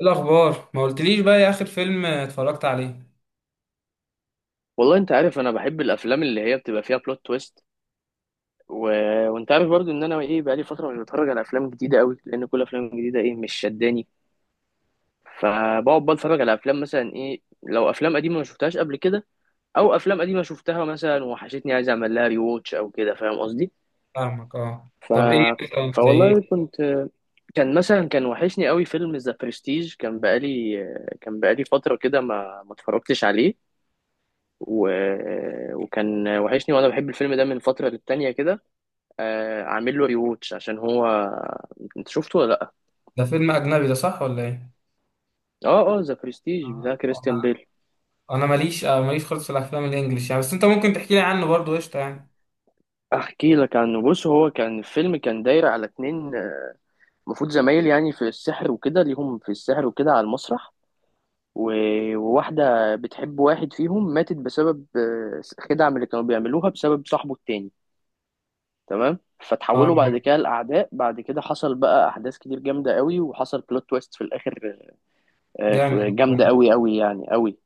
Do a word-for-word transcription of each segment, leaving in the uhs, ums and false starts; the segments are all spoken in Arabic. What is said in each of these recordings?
الأخبار ما قلتليش بقى، يا آخر فيلم اتفرجت عليه؟ والله انت عارف انا بحب الافلام اللي هي بتبقى فيها بلوت تويست. و... وانت عارف برضو ان انا ايه بقالي فتره مش بتفرج على افلام جديده قوي، لان كل افلام جديده ايه مش شداني. فبقعد بقى اتفرج على افلام مثلا، ايه، لو افلام قديمه ما شفتهاش قبل كده، او افلام قديمه شفتها مثلا وحشتني عايز اعمل لها ري ووتش او كده، فاهم قصدي. فاهمك. اه، ف طب ايه مثلا، زي فوالله ايه؟ كنت، كان مثلا كان وحشني قوي فيلم ذا برستيج. كان بقالي كان بقالي فتره كده ما ما اتفرجتش عليه. و... وكان وحشني، وانا بحب الفيلم ده من فتره للتانيه كده. آه، عامل له ريوتش عشان هو. انت شفته ولا لا؟ ده فيلم أجنبي ده، صح ولا ايه؟ اه، اه، ذا برستيج بتاع آه، كريستيان أنا بيل. أنا ماليش، آه، ماليش خالص في الأفلام الإنجليش يعني، بس أنت ممكن تحكي لي عنه برضه، قشطة يعني. احكي لك عنه. بص، هو كان الفيلم كان داير على اتنين، آه، المفروض زمايل يعني في السحر وكده، ليهم في السحر وكده على المسرح. و- وواحدة بتحب واحد فيهم ماتت بسبب آه، خدعة من اللي كانوا بيعملوها بسبب صاحبه التاني. تمام. فتحولوا بعد اه، كده لأعداء، بعد كده حصل بقى أحداث كتير جامدة قوي، وحصل بلوت تويست في الآخر. آه، ف- جامد جامدة والله. أوي أوي يعني أوي.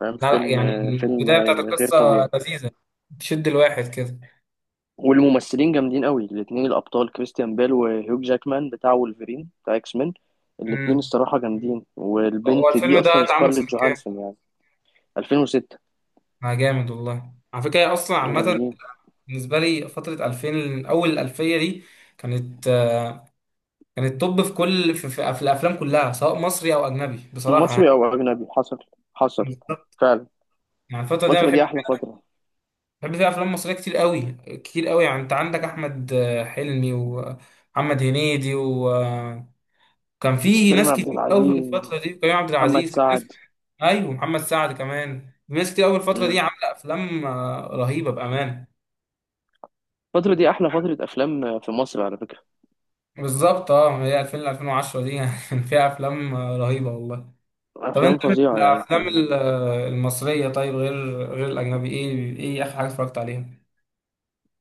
فاهم؟ لا لا فيلم يعني، آه، فيلم البداية بتاعت آه، غير القصة طبيعي. لذيذة، تشد الواحد كده. والممثلين جامدين أوي، الاتنين الأبطال كريستيان بيل وهيوك جاكمان بتاع وولفرين بتاع إكس مان. الاتنين امم الصراحة جامدين، هو والبنت دي الفيلم ده أصلا اتعمل سكارليت سنة كام؟ جوهانسون يعني. ألفين وستة. آه، جامد والله، على فكرة هي أصلا عامة جامدين. بالنسبة لي فترة ألفين، أول الألفية دي كانت كانت توب في كل، في, في, في الافلام كلها، سواء مصري او اجنبي بصراحه مصري يعني. أو أجنبي، حصل حصل فعلا. يعني الفتره دي انا الفترة بحب، دي أحلى فترة. بحب فيها افلام مصريه كتير قوي، كتير قوي يعني. انت عندك احمد آه، حلمي، ومحمد هنيدي، وكان في كريم ناس عبد كتير قوي في العزيز، الفتره دي، كريم عبد محمد العزيز، كان في ناس. سعد. ايوه، محمد سعد كمان. في ناس كتير قوي الفتره دي، مم. عامله افلام آه، رهيبه، بامانه. الفترة دي أحلى فترة أفلام في مصر على فكرة. بالظبط. اه، هي ألفين ل ألفين وعشرة دي كان فيها افلام آه، رهيبه والله. طب أفلام انت من فظيعة يعني. الافلام ال- المصريه، طيب، غير غير الاجنبي، ايه ايه اخر حاجه اتفرجت عليها؟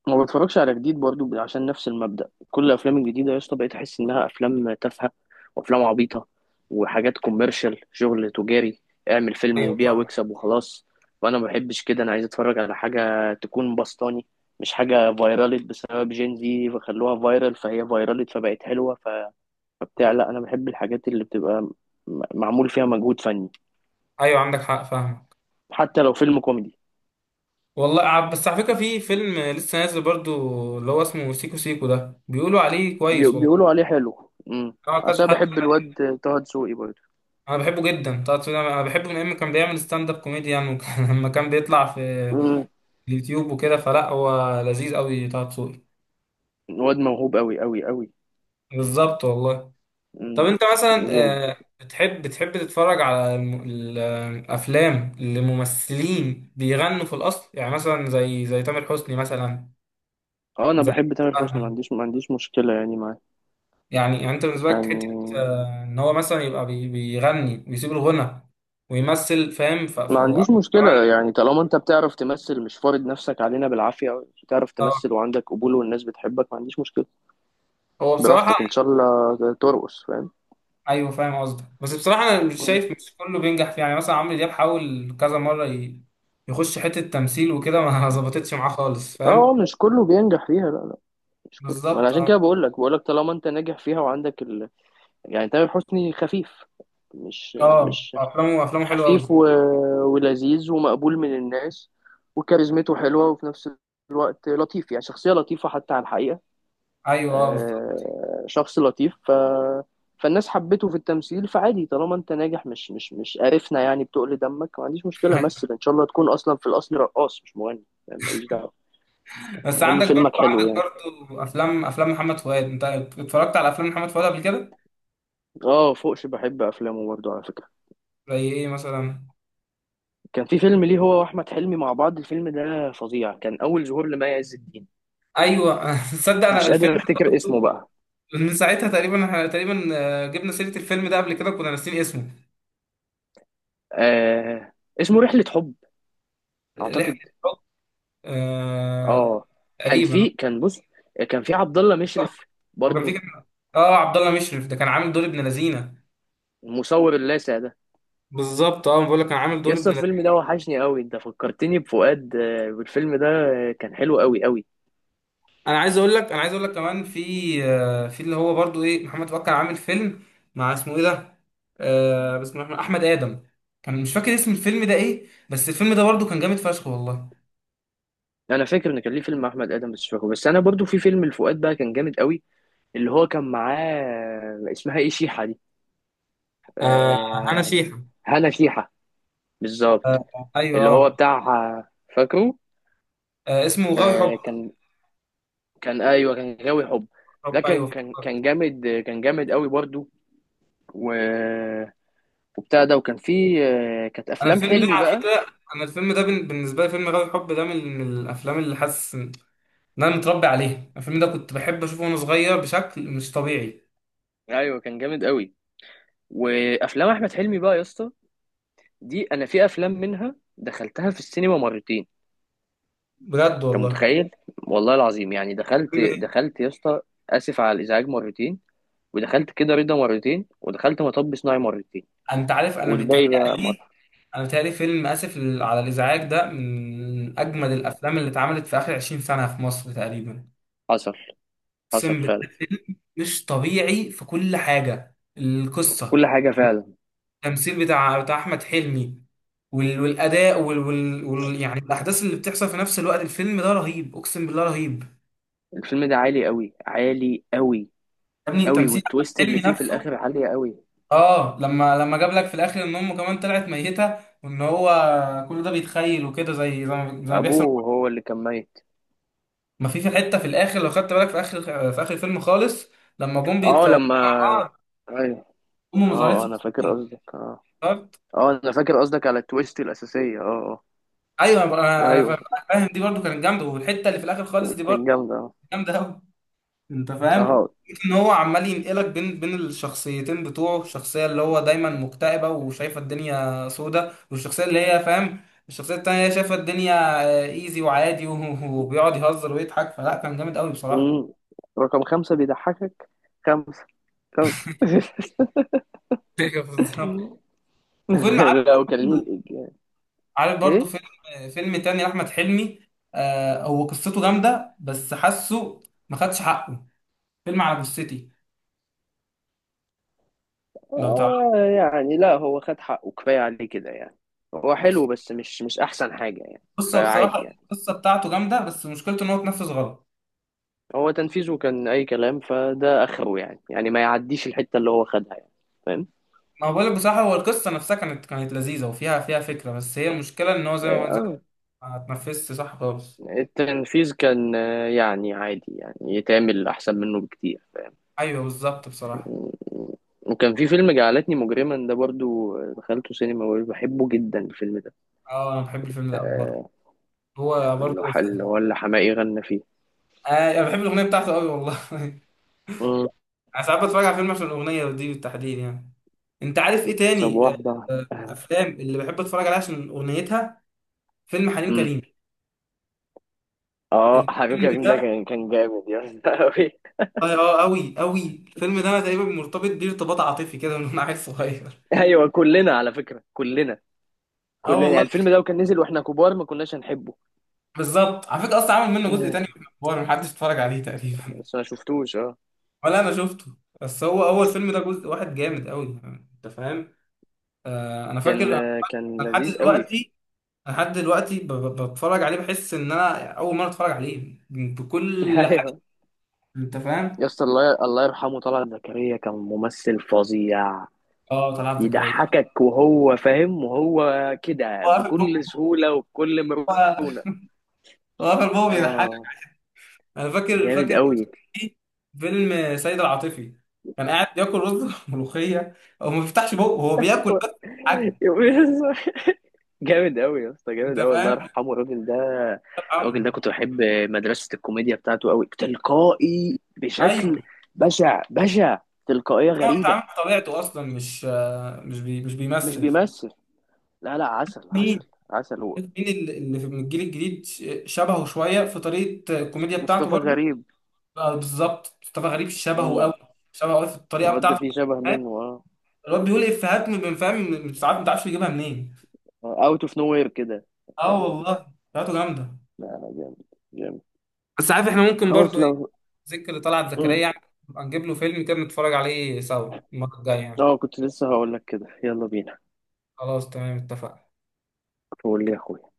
ما بتفرجش على جديد برضو، ب- عشان نفس المبدأ، كل الافلام الجديده يا اسطى بقيت احس انها افلام تافهه وافلام عبيطه وحاجات كوميرشال، شغل تجاري. اعمل فيلم ايوه، وبيع فاهم. واكسب وخلاص. وانا ما بحبش كده، انا عايز اتفرج على حاجه تكون بسطاني، مش حاجه فايرالت بسبب جين، زي فخلوها فايرال فهي فايرالت فبقت حلوه. ف... فبتاع، لا، انا بحب الحاجات اللي بتبقى م- معمول فيها مجهود فني. ايوه عندك حق، فاهمك. حتى لو فيلم كوميدي. والله ع- بس على فكره، في فيلم لسه نازل برضو اللي هو اسمه سيكو سيكو، ده بيقولوا عليه بي... كويس والله. بيقولوا عليه حلو. امم اه، كذا عشان حد بحب الواد طه دسوقي برضه. انا بحبه جدا طه دسوقي، ده انا بحبه من ايام ما كان بيعمل ستاند اب كوميدي يعني، وكان- لما كان بيطلع في اليوتيوب وكده، فلا هو لذيذ قوي طه دسوقي. واد موهوب قوي قوي قوي. بالظبط والله. طب امم. انت مثلا، جامد. آه، بتحب، بتحب تتفرج على الم- الافلام اللي ممثلين بيغنوا في الاصل، يعني مثلا زي زي تامر حسني مثلا، اه، انا زي بحب تامر أحمد حسني، ما فهمي عنديش ما عنديش مشكله يعني معاه. يعني يعني انت بالنسبه لك حته يعني آه، ان هو مثلا يبقى بي- بيغني ويسيب الغنى ويمثل، فاهم؟ ف... ف... ما عنديش مشكله كمان. يعني، طالما انت بتعرف تمثل، مش فارض نفسك علينا بالعافيه، بتعرف اه. تمثل وعندك قبول والناس بتحبك، ما عنديش مشكله. هو بصراحه... براحتك، ان شاء الله ترقص، فاهم. ايوه فاهم قصدك، بس بصراحه انا مش مم. شايف مش كله بينجح فيه، يعني مثلا عمرو دياب حاول كذا مره ي... يخش حته تمثيل وكده، ما ظبطتش معاه خالص، فاهم. اه، مش كله بينجح فيها، لا، لا، مش كله. ما انا بالظبط، عشان آه. كده بقول لك، بقول لك طالما انت ناجح فيها وعندك ال... يعني تامر حسني خفيف. مش اه، مش افلامه افلامه حلوه قوي. خفيف و... ولذيذ ومقبول من الناس، وكاريزمته حلوة، وفي نفس الوقت لطيف. يعني شخصية لطيفة حتى على الحقيقة. ايوه، اه، بس آه، شخص لطيف. ف... فالناس حبته في التمثيل، فعادي، طالما انت ناجح، مش مش مش قرفنا يعني، بتقل دمك ما عنديش مشكلة مثل. ان شاء الله تكون اصلا في الاصل رقاص مش مغني، يعني ماليش دعوة. بس المهم عندك فيلمك برضو حلو عندك يعني. برضو افلام افلام محمد فؤاد، انت اتفرجت على افلام محمد فؤاد قبل كده؟ اه، فوقش، بحب افلامه برضه على فكرة. زي ايه مثلا؟ كان في فيلم ليه هو واحمد حلمي مع بعض، الفيلم ده فظيع، كان اول ظهور لمي عز الدين. ايوه تصدق انا مش قادر الفيلم... افتكر اسمه بقى. من ساعتها تقريبا، احنا تقريبا آه، جبنا سيره الفيلم ده قبل كده، كنا ناسيين اسمه. آه، اسمه رحلة حب رحله اعتقد. الحب. آه... اه. كان تقريبا. في كان بص، كان في عبد الله مشرف هو كان في برضو، كان. اه، عبد الله مشرف ده كان عامل دور ابن لذينه. المصور اللاذع ده. بالظبط، اه بقول لك كان عامل دور يسطا ابن. الفيلم ده وحشني قوي، انت فكرتني بفؤاد. آه، والفيلم ده آه، كان حلو قوي قوي. انا عايز اقول لك انا عايز اقول لك كمان في، آه، في اللي هو برضو، ايه، محمد فؤاد كان عامل فيلم مع، اسمه ايه ده، آه بسم الله الرحمن، احمد ادم، كان مش فاكر اسم الفيلم ده ايه، بس الفيلم ده برضو كان جامد فشخ والله. انا فاكر ان كان ليه فيلم مع احمد ادم بس مش فاكره. بس انا برضو في فيلم لفؤاد بقى كان جامد قوي، اللي هو كان معاه، آه، اسمها ايه شيحة دي؟ آه انا آه، شيحة. هنا شيحة، بالظبط. آه، ايوه، اللي اه. هو بتاع. فاكره. آه، اسمه غاوي حب. آه كان كان، ايوه، كان غاوي حب. حب، ده ايوه كان كان افتكرت. كان جامد، كان جامد قوي برضو. و... وبتاع ده. وكان في آه، كانت انا افلام الفيلم ده حلمي على بقى. فكره، انا الفيلم ده بن- بالنسبه لي فيلم غاوي حب ده من من الافلام اللي حاسس ان انا متربي عليها، الفيلم ده كنت بحب اشوفه وانا صغير بشكل مش طبيعي. ايوه، كان جامد قوي. وافلام احمد حلمي بقى يا اسطى، دي انا في افلام منها دخلتها في السينما مرتين. بجد انت والله. متخيل؟ والله العظيم يعني، دخلت فيلم ايه؟ دخلت يا اسطى اسف على الازعاج مرتين، ودخلت كده رضا مرتين، ودخلت مطب صناعي مرتين. انت عارف انا والباقي بقى بيتهيألي، مره. انا بتهيألي فيلم اسف لل- على الازعاج ده من اجمد الافلام اللي اتعملت في اخر عشرين سنه في مصر تقريبا. حصل حصل اقسم بالله، فعلا. فيلم مش طبيعي في كل حاجه، القصه، كل حاجه فعلا. التمثيل بتاع بتاع احمد حلمي، وال- والاداء وال... وال... وال... يعني الاحداث اللي بتحصل في نفس الوقت، الفيلم ده رهيب، اقسم بالله رهيب. الفيلم ده عالي قوي، عالي قوي يا ابني، قوي. تمثيل احمد والتويست اللي حلمي فيه في نفسه. الاخر عالية قوي. اه، لما لما جاب لك في الاخر ان امه كمان طلعت ميته، وان هو كل ده بيتخيل وكده، زي زي ما زي ما بيحصل. ابوه هو اللي كان ميت. ما في في حته في الاخر لو خدت بالك، في اخر في اخر الفيلم خالص، لما جم اه، بيتصوروا لما، مع بعض، ايوه، امه ما ظهرتش اه، في انا فاكر الصورة. قصدك، اه. افتكرت. اه، انا فاكر قصدك على التويست الاساسية، اه. ايوه، انا اه، انا ايوه. فا- فاهم، دي برضو كانت جامده، والحته اللي في الاخر خالص دي كان برضو جامدة، اه. جامده قوي. انت فاهم، اه. ان هو عمال ينقلك بين بين الشخصيتين بتوعه، الشخصيه اللي هو دايما مكتئبه وشايفه الدنيا سودة، والشخصيه اللي هي فاهم، الشخصيه التانيه هي شايفه الدنيا آه، ايزي وعادي و- وبيقعد يهزر ويضحك، فلا كان جامد قوي بصراحه. أمم. رقم خمسة بيضحكك. خمسة. خمسة. أيوة بالظبط. وفيلم... عارف، لو كان ليه الإجابة. عارف برضو ايه. فيلم فيلم تاني لأحمد حلمي، آه هو قصته جامدة بس حاسه ما خدش حقه، فيلم على جثتي، لو تعرف. آه يعني، لا، هو خد حقه، كفاية عليه كده يعني. هو حلو بص، بس مش مش احسن حاجة يعني. القصة فعادي بصراحة، يعني. القصة بتاعته جامدة بس مشكلته إن هو اتنفذ غلط. هو تنفيذه كان اي كلام، فده اخره يعني، يعني ما يعديش الحته اللي هو خدها يعني. فاهم. ما هو بقولك بصراحة، هو القصة نفسها كانت كانت لذيذة، وفيها فيها فكرة، بس هي المشكلة إن هو زي ما زي اه، ما اتنفذش صح خالص. التنفيذ كان آه، يعني عادي يعني، يتعمل احسن منه بكتير، فاهم. أيوه بالظبط بصراحة. وكان في فيلم جعلتني مجرما ده برضو، آه، دخلته سينما وبحبه جدا الفيلم ده. أه أنا بحب الفيلم ده أوي برضه، آه، هو اللي برضه ح- اللي هو اللي حماقي غنى فيه. آه، أنا بحب الأغنية بتاعته أوي والله مم. انا ساعات بتفرج على فيلم عشان الاغنيه دي بالتحديد يعني. انت عارف ايه طب تاني؟ آه، واحدة آه، واحدة. الافلام اللي بحب اتفرج عليها عشان اغنيتها، فيلم حليم مم. كريم. اه، حبيب الفيلم كريم ده ده، كان كان جامد يا اسطى أوي. اه، آه، قوي قوي، الفيلم ده انا تقريبا مرتبط بيه ارتباط عاطفي كده من وانا عيل صغير. ايوه كلنا على فكرة، كلنا. اه كلنا يعني والله. الفيلم ده، وكان نزل واحنا كبار ما كناش هنحبه. بالظبط، على فكره اصلا عامل منه جزء تاني، في الاخبار محدش اتفرج عليه تقريبا. بس ما شفتوش، اه. ولا انا شفته، بس هو اول فيلم ده جزء واحد جامد قوي، انت فاهم. آه انا كان فاكر. كان أنا لحد لذيذ قوي. دلوقتي، لحد دلوقتي ب- ب- بتفرج عليه بحس ان انا اول مره اتفرج عليه بكل حاجه، ايوه، انت يا فاهم. اسطى، الله الله يرحمه طلعت زكريا، كان ممثل فظيع. اه، طلعت زكريا. يضحكك وهو فاهم وهو كده هو قافل بكل بقه، سهولة وبكل هو مرونة. هو قافل بقه بيضحك. اه انا فاكر جامد فاكر قوي. في فيلم سيد العاطفي، كان قاعد بياكل رز ملوخيه، هو ما بيفتحش بقه هو بياكل بس حاجه، جامد قوي يا اسطى، انت جامد قوي، الله فاهم. يرحمه الراجل ده. انت الراجل فاهمه؟ ده كنت بحب مدرسة الكوميديا بتاعته، قوي تلقائي، بشكل ايوه. بشع بشع، تلقائية هو غريبة. بيتعامل بطبيعته اصلا، مش مش بي مش مش بيمثل. بيمثل. لا، لا، عسل، مين، عسل، عسل هو. مين اللي اللي في من الجيل الجديد ش- شبهه شويه في طريقه الكوميديا بتاعته مصطفى برضو؟ غريب. آه، بالظبط، مصطفى غريب شبهه مم. قوي، امم. شبهه قوي في الطريقه الواد ده بتاعته. فيه شبه منه، اه. الواد بيقول إيه، افيهات من، فاهم، مش عارف، ما تعرفش يجيبها منين. اوت اوف نو وير كده، اه فاهم. والله، بتاعته جامده. لا، لا، جامد. جامد. بس عارف، احنا ممكن خلاص برضو، ايه، لو ذكر اللي طلعت زكريا مم. يعني، نبقى نجيب له فيلم كده نتفرج عليه سوا المره الجايه يعني. اه، كنت لسه هقول لك كده، يلا بينا. خلاص تمام، اتفقنا. قول لي يا اخويا.